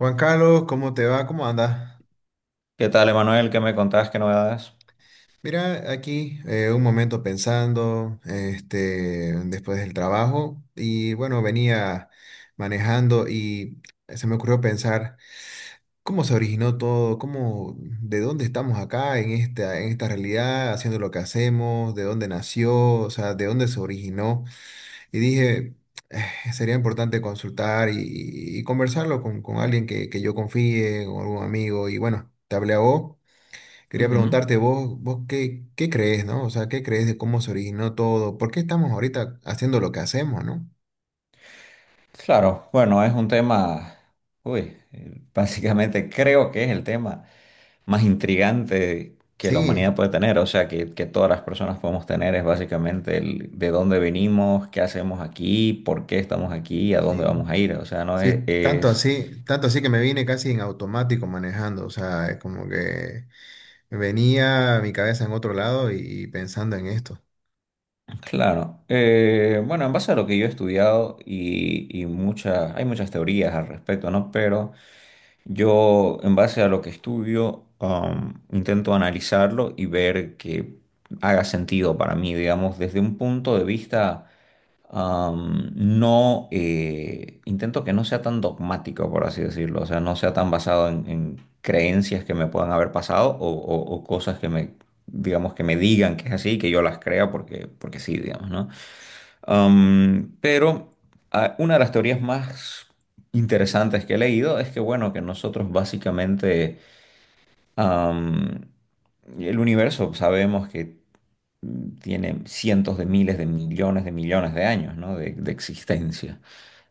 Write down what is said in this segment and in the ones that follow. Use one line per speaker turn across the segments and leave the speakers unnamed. Juan Carlos, ¿cómo te va? ¿Cómo andas?
¿Qué tal, Emanuel? ¿Qué me contabas? ¿Qué novedades?
Mira, aquí un momento pensando, este, después del trabajo, y bueno, venía manejando y se me ocurrió pensar cómo se originó todo, cómo, de dónde estamos acá en esta realidad, haciendo lo que hacemos, de dónde nació, o sea, de dónde se originó. Y dije, sería importante consultar y conversarlo con alguien que yo confíe, con algún amigo, y bueno, te hablé a vos. Quería
Ujú.
preguntarte vos, vos qué crees, ¿no? O sea, ¿qué crees de cómo se originó todo? ¿Por qué estamos ahorita haciendo lo que hacemos, ¿no?
Claro, bueno, es un tema, básicamente creo que es el tema más intrigante que la
Sí,
humanidad puede tener, o sea, que todas las personas podemos tener es básicamente el de dónde venimos, qué hacemos aquí, por qué estamos aquí, a dónde vamos
sí,
a ir, o sea, no es,
sí, tanto así que me vine casi en automático manejando, o sea, es como que venía mi cabeza en otro lado y pensando en esto.
claro. Bueno, en base a lo que yo he estudiado y muchas, hay muchas teorías al respecto, ¿no? Pero... Yo, en base a lo que estudio, intento analizarlo y ver que haga sentido para mí, digamos, desde un punto de vista no, intento que no sea tan dogmático, por así decirlo, o sea, no sea tan basado en creencias que me puedan haber pasado o cosas que me, digamos, que me digan que es así, que yo las crea porque sí, digamos, ¿no? Pero una de las teorías más interesantes que he leído es que, bueno, que nosotros básicamente, am, el universo sabemos que tiene cientos de miles de millones de millones de años, ¿no? De existencia.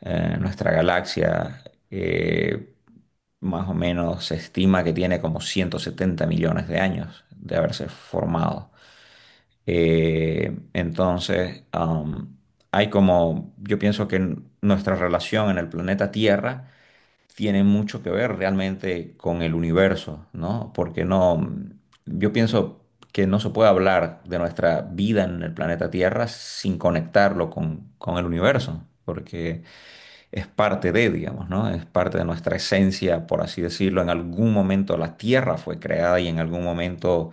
Nuestra galaxia eh, más o menos se estima que tiene como 170 millones de años de haberse formado. Entonces, hay como, yo pienso que nuestra relación en el planeta Tierra tiene mucho que ver realmente con el universo, ¿no? Porque no, yo pienso que no se puede hablar de nuestra vida en el planeta Tierra sin conectarlo con el universo, porque es parte de, digamos, ¿no? Es parte de nuestra esencia, por así decirlo. En algún momento la Tierra fue creada y en algún momento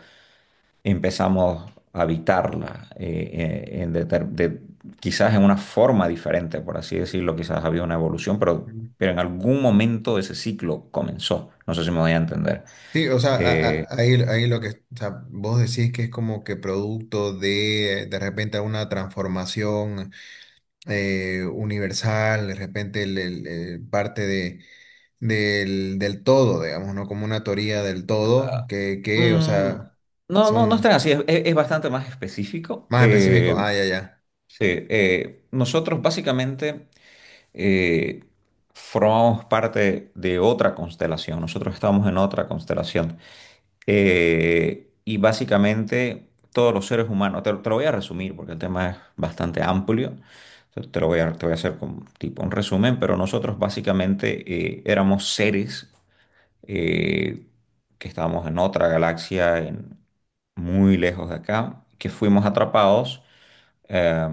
empezamos a habitarla, quizás en una forma diferente, por así decirlo, quizás había una evolución,
Mm.
pero en algún momento ese ciclo comenzó. No sé si me voy a entender.
Sí, o sea, a-
Eh,
a- ahí, ahí lo que, o sea, vos decís que es como que producto de repente alguna transformación. Universal, de repente el parte de, del todo, digamos, ¿no? Como una teoría del todo, que, o
Mm,
sea,
no, no, no es tan
son
así, es bastante más específico.
más específicos, ah, ya, ya,
Sí, nosotros básicamente eh, formamos parte de otra constelación, nosotros estamos en otra constelación. Y básicamente todos los seres humanos, te lo voy a resumir porque el tema es bastante amplio, entonces te lo voy a, te voy a hacer como tipo un resumen, pero nosotros básicamente éramos seres eh, que estábamos en otra galaxia, muy lejos de acá, que fuimos atrapados eh,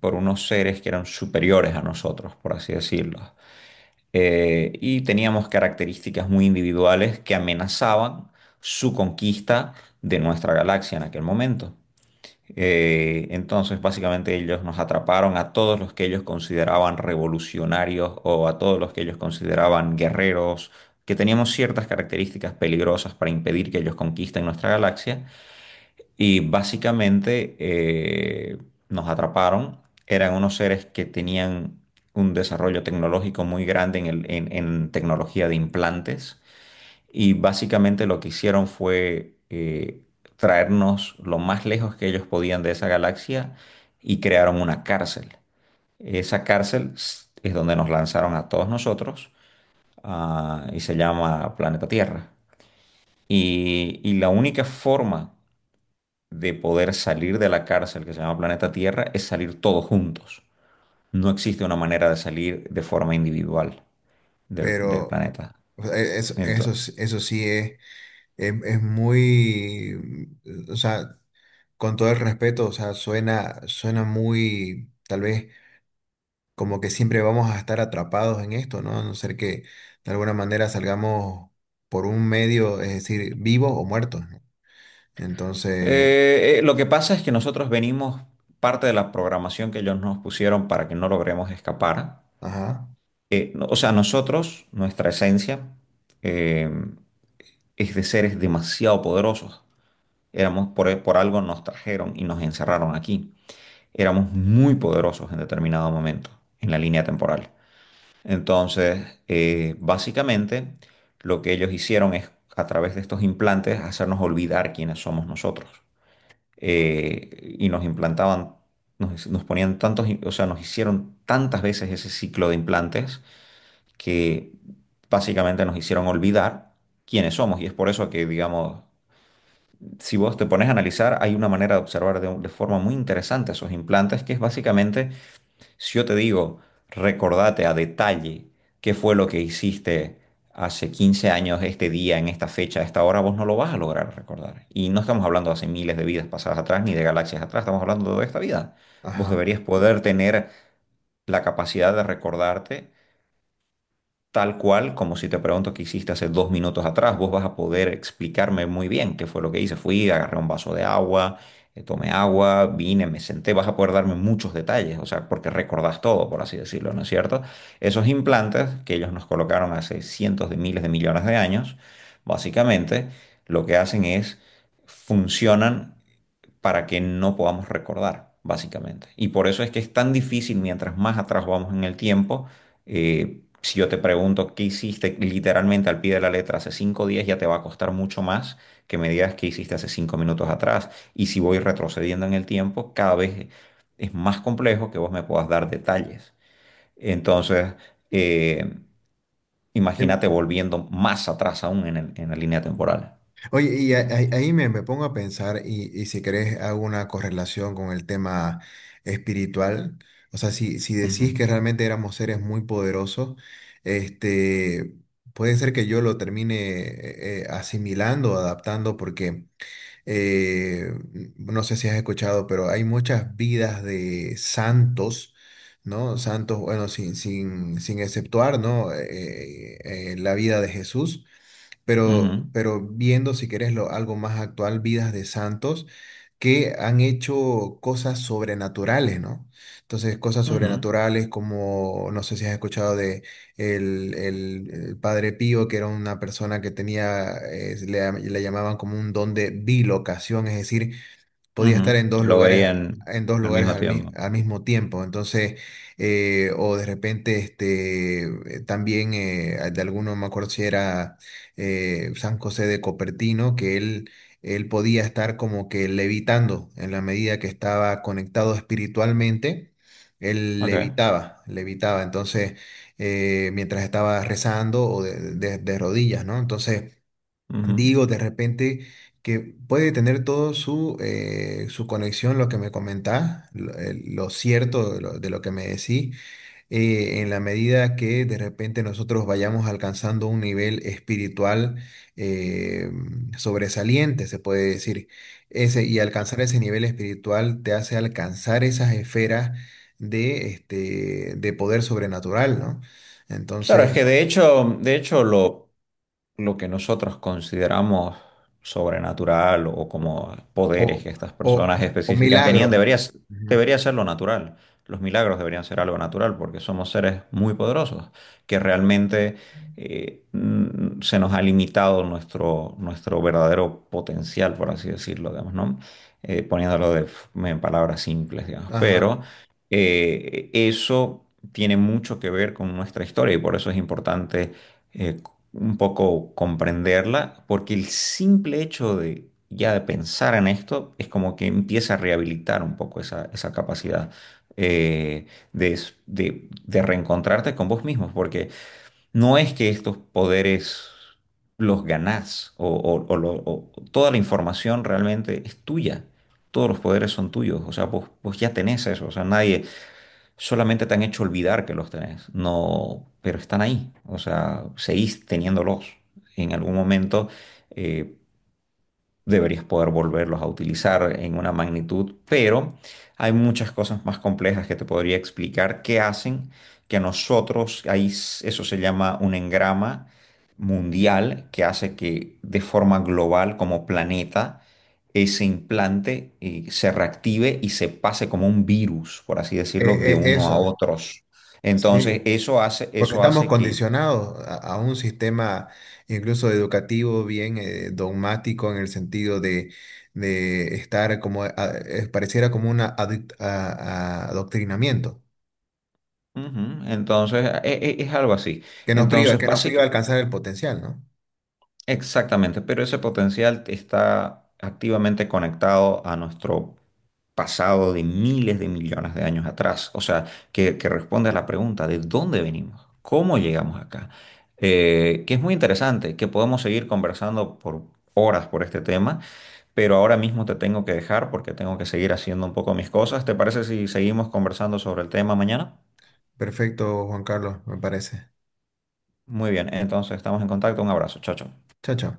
por unos seres que eran superiores a nosotros, por así decirlo, y teníamos características muy individuales que amenazaban su conquista de nuestra galaxia en aquel momento. Entonces, básicamente ellos nos atraparon a todos los que ellos consideraban revolucionarios o a todos los que ellos consideraban guerreros, que teníamos ciertas características peligrosas para impedir que ellos conquisten nuestra galaxia. Y básicamente nos atraparon. Eran unos seres que tenían un desarrollo tecnológico muy grande en tecnología de implantes. Y básicamente lo que hicieron fue traernos lo más lejos que ellos podían de esa galaxia y crearon una cárcel. Esa cárcel es donde nos lanzaron a todos nosotros, y se llama Planeta Tierra. Y la única forma de poder salir de la cárcel que se llama Planeta Tierra es salir todos juntos. No existe una manera de salir de forma individual del, del
pero
planeta.
o sea, e- eso, eso,
Entonces,
sí- eso sí es muy, o sea, con todo el respeto, o sea, suena, suena muy, tal vez como que siempre vamos a estar atrapados en esto, ¿no? A no ser que de alguna manera salgamos por un medio, es decir, vivos o muertos, ¿no? Entonces,
Lo que pasa es que nosotros venimos, parte de la programación que ellos nos pusieron para que no logremos escapar,
ajá,
o sea, nosotros, nuestra esencia, eh, es de seres demasiado poderosos. Éramos por algo nos trajeron y nos encerraron aquí. Éramos muy poderosos en determinado momento en la línea temporal. Entonces, básicamente, lo que ellos hicieron es, a través de estos implantes, hacernos olvidar quiénes somos nosotros. Y nos implantaban, nos ponían tantos, o sea, nos hicieron tantas veces ese ciclo de implantes que básicamente nos hicieron olvidar quiénes somos. Y es por eso que, digamos, si vos te pones a analizar, hay una manera de observar de forma muy interesante esos implantes, que es básicamente, si yo te digo, recordate a detalle qué fue lo que hiciste hace 15 años, este día, en esta fecha, a esta hora, vos no lo vas a lograr recordar. Y no estamos hablando de hace miles de vidas pasadas atrás, ni de galaxias atrás, estamos hablando de esta vida. Vos
ajá.
deberías poder tener la capacidad de recordarte tal cual, como si te pregunto qué hiciste hace 2 minutos atrás, vos vas a poder explicarme muy bien qué fue lo que hice. Fui, agarré un vaso de agua, tomé agua, vine, me senté, vas a poder darme muchos detalles, o sea, porque recordás todo, por así decirlo, ¿no es cierto? Esos implantes que ellos nos colocaron hace cientos de miles de millones de años, básicamente, lo que hacen es funcionan para que no podamos recordar, básicamente. Y por eso es que es tan difícil, mientras más atrás vamos en el tiempo, si yo te pregunto qué hiciste literalmente al pie de la letra hace 5 días, ya te va a costar mucho más que me digas qué hiciste hace 5 minutos atrás. Y si voy retrocediendo en el tiempo, cada vez es más complejo que vos me puedas dar detalles. Entonces, eh, imagínate
Em,
volviendo más atrás aún en la línea temporal.
Oye, y ahí me, me pongo a pensar y si querés hago una correlación con el tema espiritual. O sea, si, si
Ujú,
decís que realmente éramos seres muy poderosos, este, puede ser que yo lo termine asimilando, adaptando, porque eh, no sé si has escuchado, pero hay muchas vidas de santos, ¿no? Santos, bueno, sin, sin, sin exceptuar, ¿no? La vida de Jesús
ujú,
pero viendo, si querés, lo, algo más actual, vidas de santos que han hecho cosas sobrenaturales, ¿no? Entonces, cosas
ujú.
sobrenaturales como, no sé si has escuchado de el Padre Pío, que era una persona que tenía, le, le llamaban como un don de bilocación, es decir, podía estar
Ujú, que lo veían
en dos
al
lugares
mismo
al, mi-
tiempo.
al mismo tiempo. Entonces, o de repente, este, también de alguno, me acuerdo si era San José de Copertino, que él podía estar como que levitando en la medida que estaba conectado espiritualmente. Él
Ok.
levitaba, levitaba, entonces, mientras estaba rezando o de rodillas, ¿no? Entonces,
Ujú.
digo, de repente que puede tener todo su, su conexión, lo que me comentás, lo cierto de lo que me decís, en la medida que de repente nosotros vayamos alcanzando un nivel espiritual eh, sobresaliente, se puede decir. Ese, y alcanzar ese nivel espiritual te hace alcanzar esas esferas de, este, de poder sobrenatural, ¿no?
Claro, es que
Entonces,
de hecho lo que nosotros consideramos sobrenatural o como poderes
o,
que estas
o,
personas
o
específicas tenían,
milagro.
debería ser lo natural. Los milagros deberían ser algo natural porque somos seres muy poderosos que realmente se nos ha limitado nuestro verdadero potencial, por así decirlo, digamos, ¿no? Poniéndolo en palabras simples, digamos. Pero
Ajá,
eso tiene mucho que ver con nuestra historia y por eso es importante eh, un poco comprenderla, porque el simple hecho de ya de pensar en esto es como que empieza a rehabilitar un poco esa capacidad eh, de reencontrarte con vos mismos, porque no es que estos poderes los ganás toda la información realmente es tuya. Todos los poderes son tuyos, o sea, vos, vos ya tenés eso, o sea, nadie, solamente te han hecho olvidar que los tenés, no, pero están ahí, o sea, seguís teniéndolos. En algún momento, eh, deberías poder volverlos a utilizar en una magnitud, pero hay muchas cosas más complejas que te podría explicar que hacen que nosotros, ahí eso se llama un engrama mundial, que hace que de forma global como planeta ese implante se reactive y se pase como un virus, por así decirlo, de
e- e-
uno a
eso,
otros. Entonces,
sí, porque
eso
estamos
hace que...
condicionados a un sistema incluso educativo bien dogmático en el sentido de estar como, pareciera como un adoctrinamiento,
Ujú. Entonces, es algo así. Entonces,
que nos priva de
básicamente...
alcanzar el potencial, ¿no?
Exactamente, pero ese potencial está activamente conectado a nuestro pasado de miles de millones de años atrás. O sea, que responde a la pregunta de dónde venimos, cómo llegamos acá. Que es muy interesante, que podemos seguir conversando por horas por este tema, pero ahora mismo te tengo que dejar porque tengo que seguir haciendo un poco mis cosas. ¿Te parece si seguimos conversando sobre el tema mañana?
Perfecto, Juan Carlos, me parece.
Muy bien, entonces estamos en contacto. Un abrazo, chao, chao.
Chao, chao.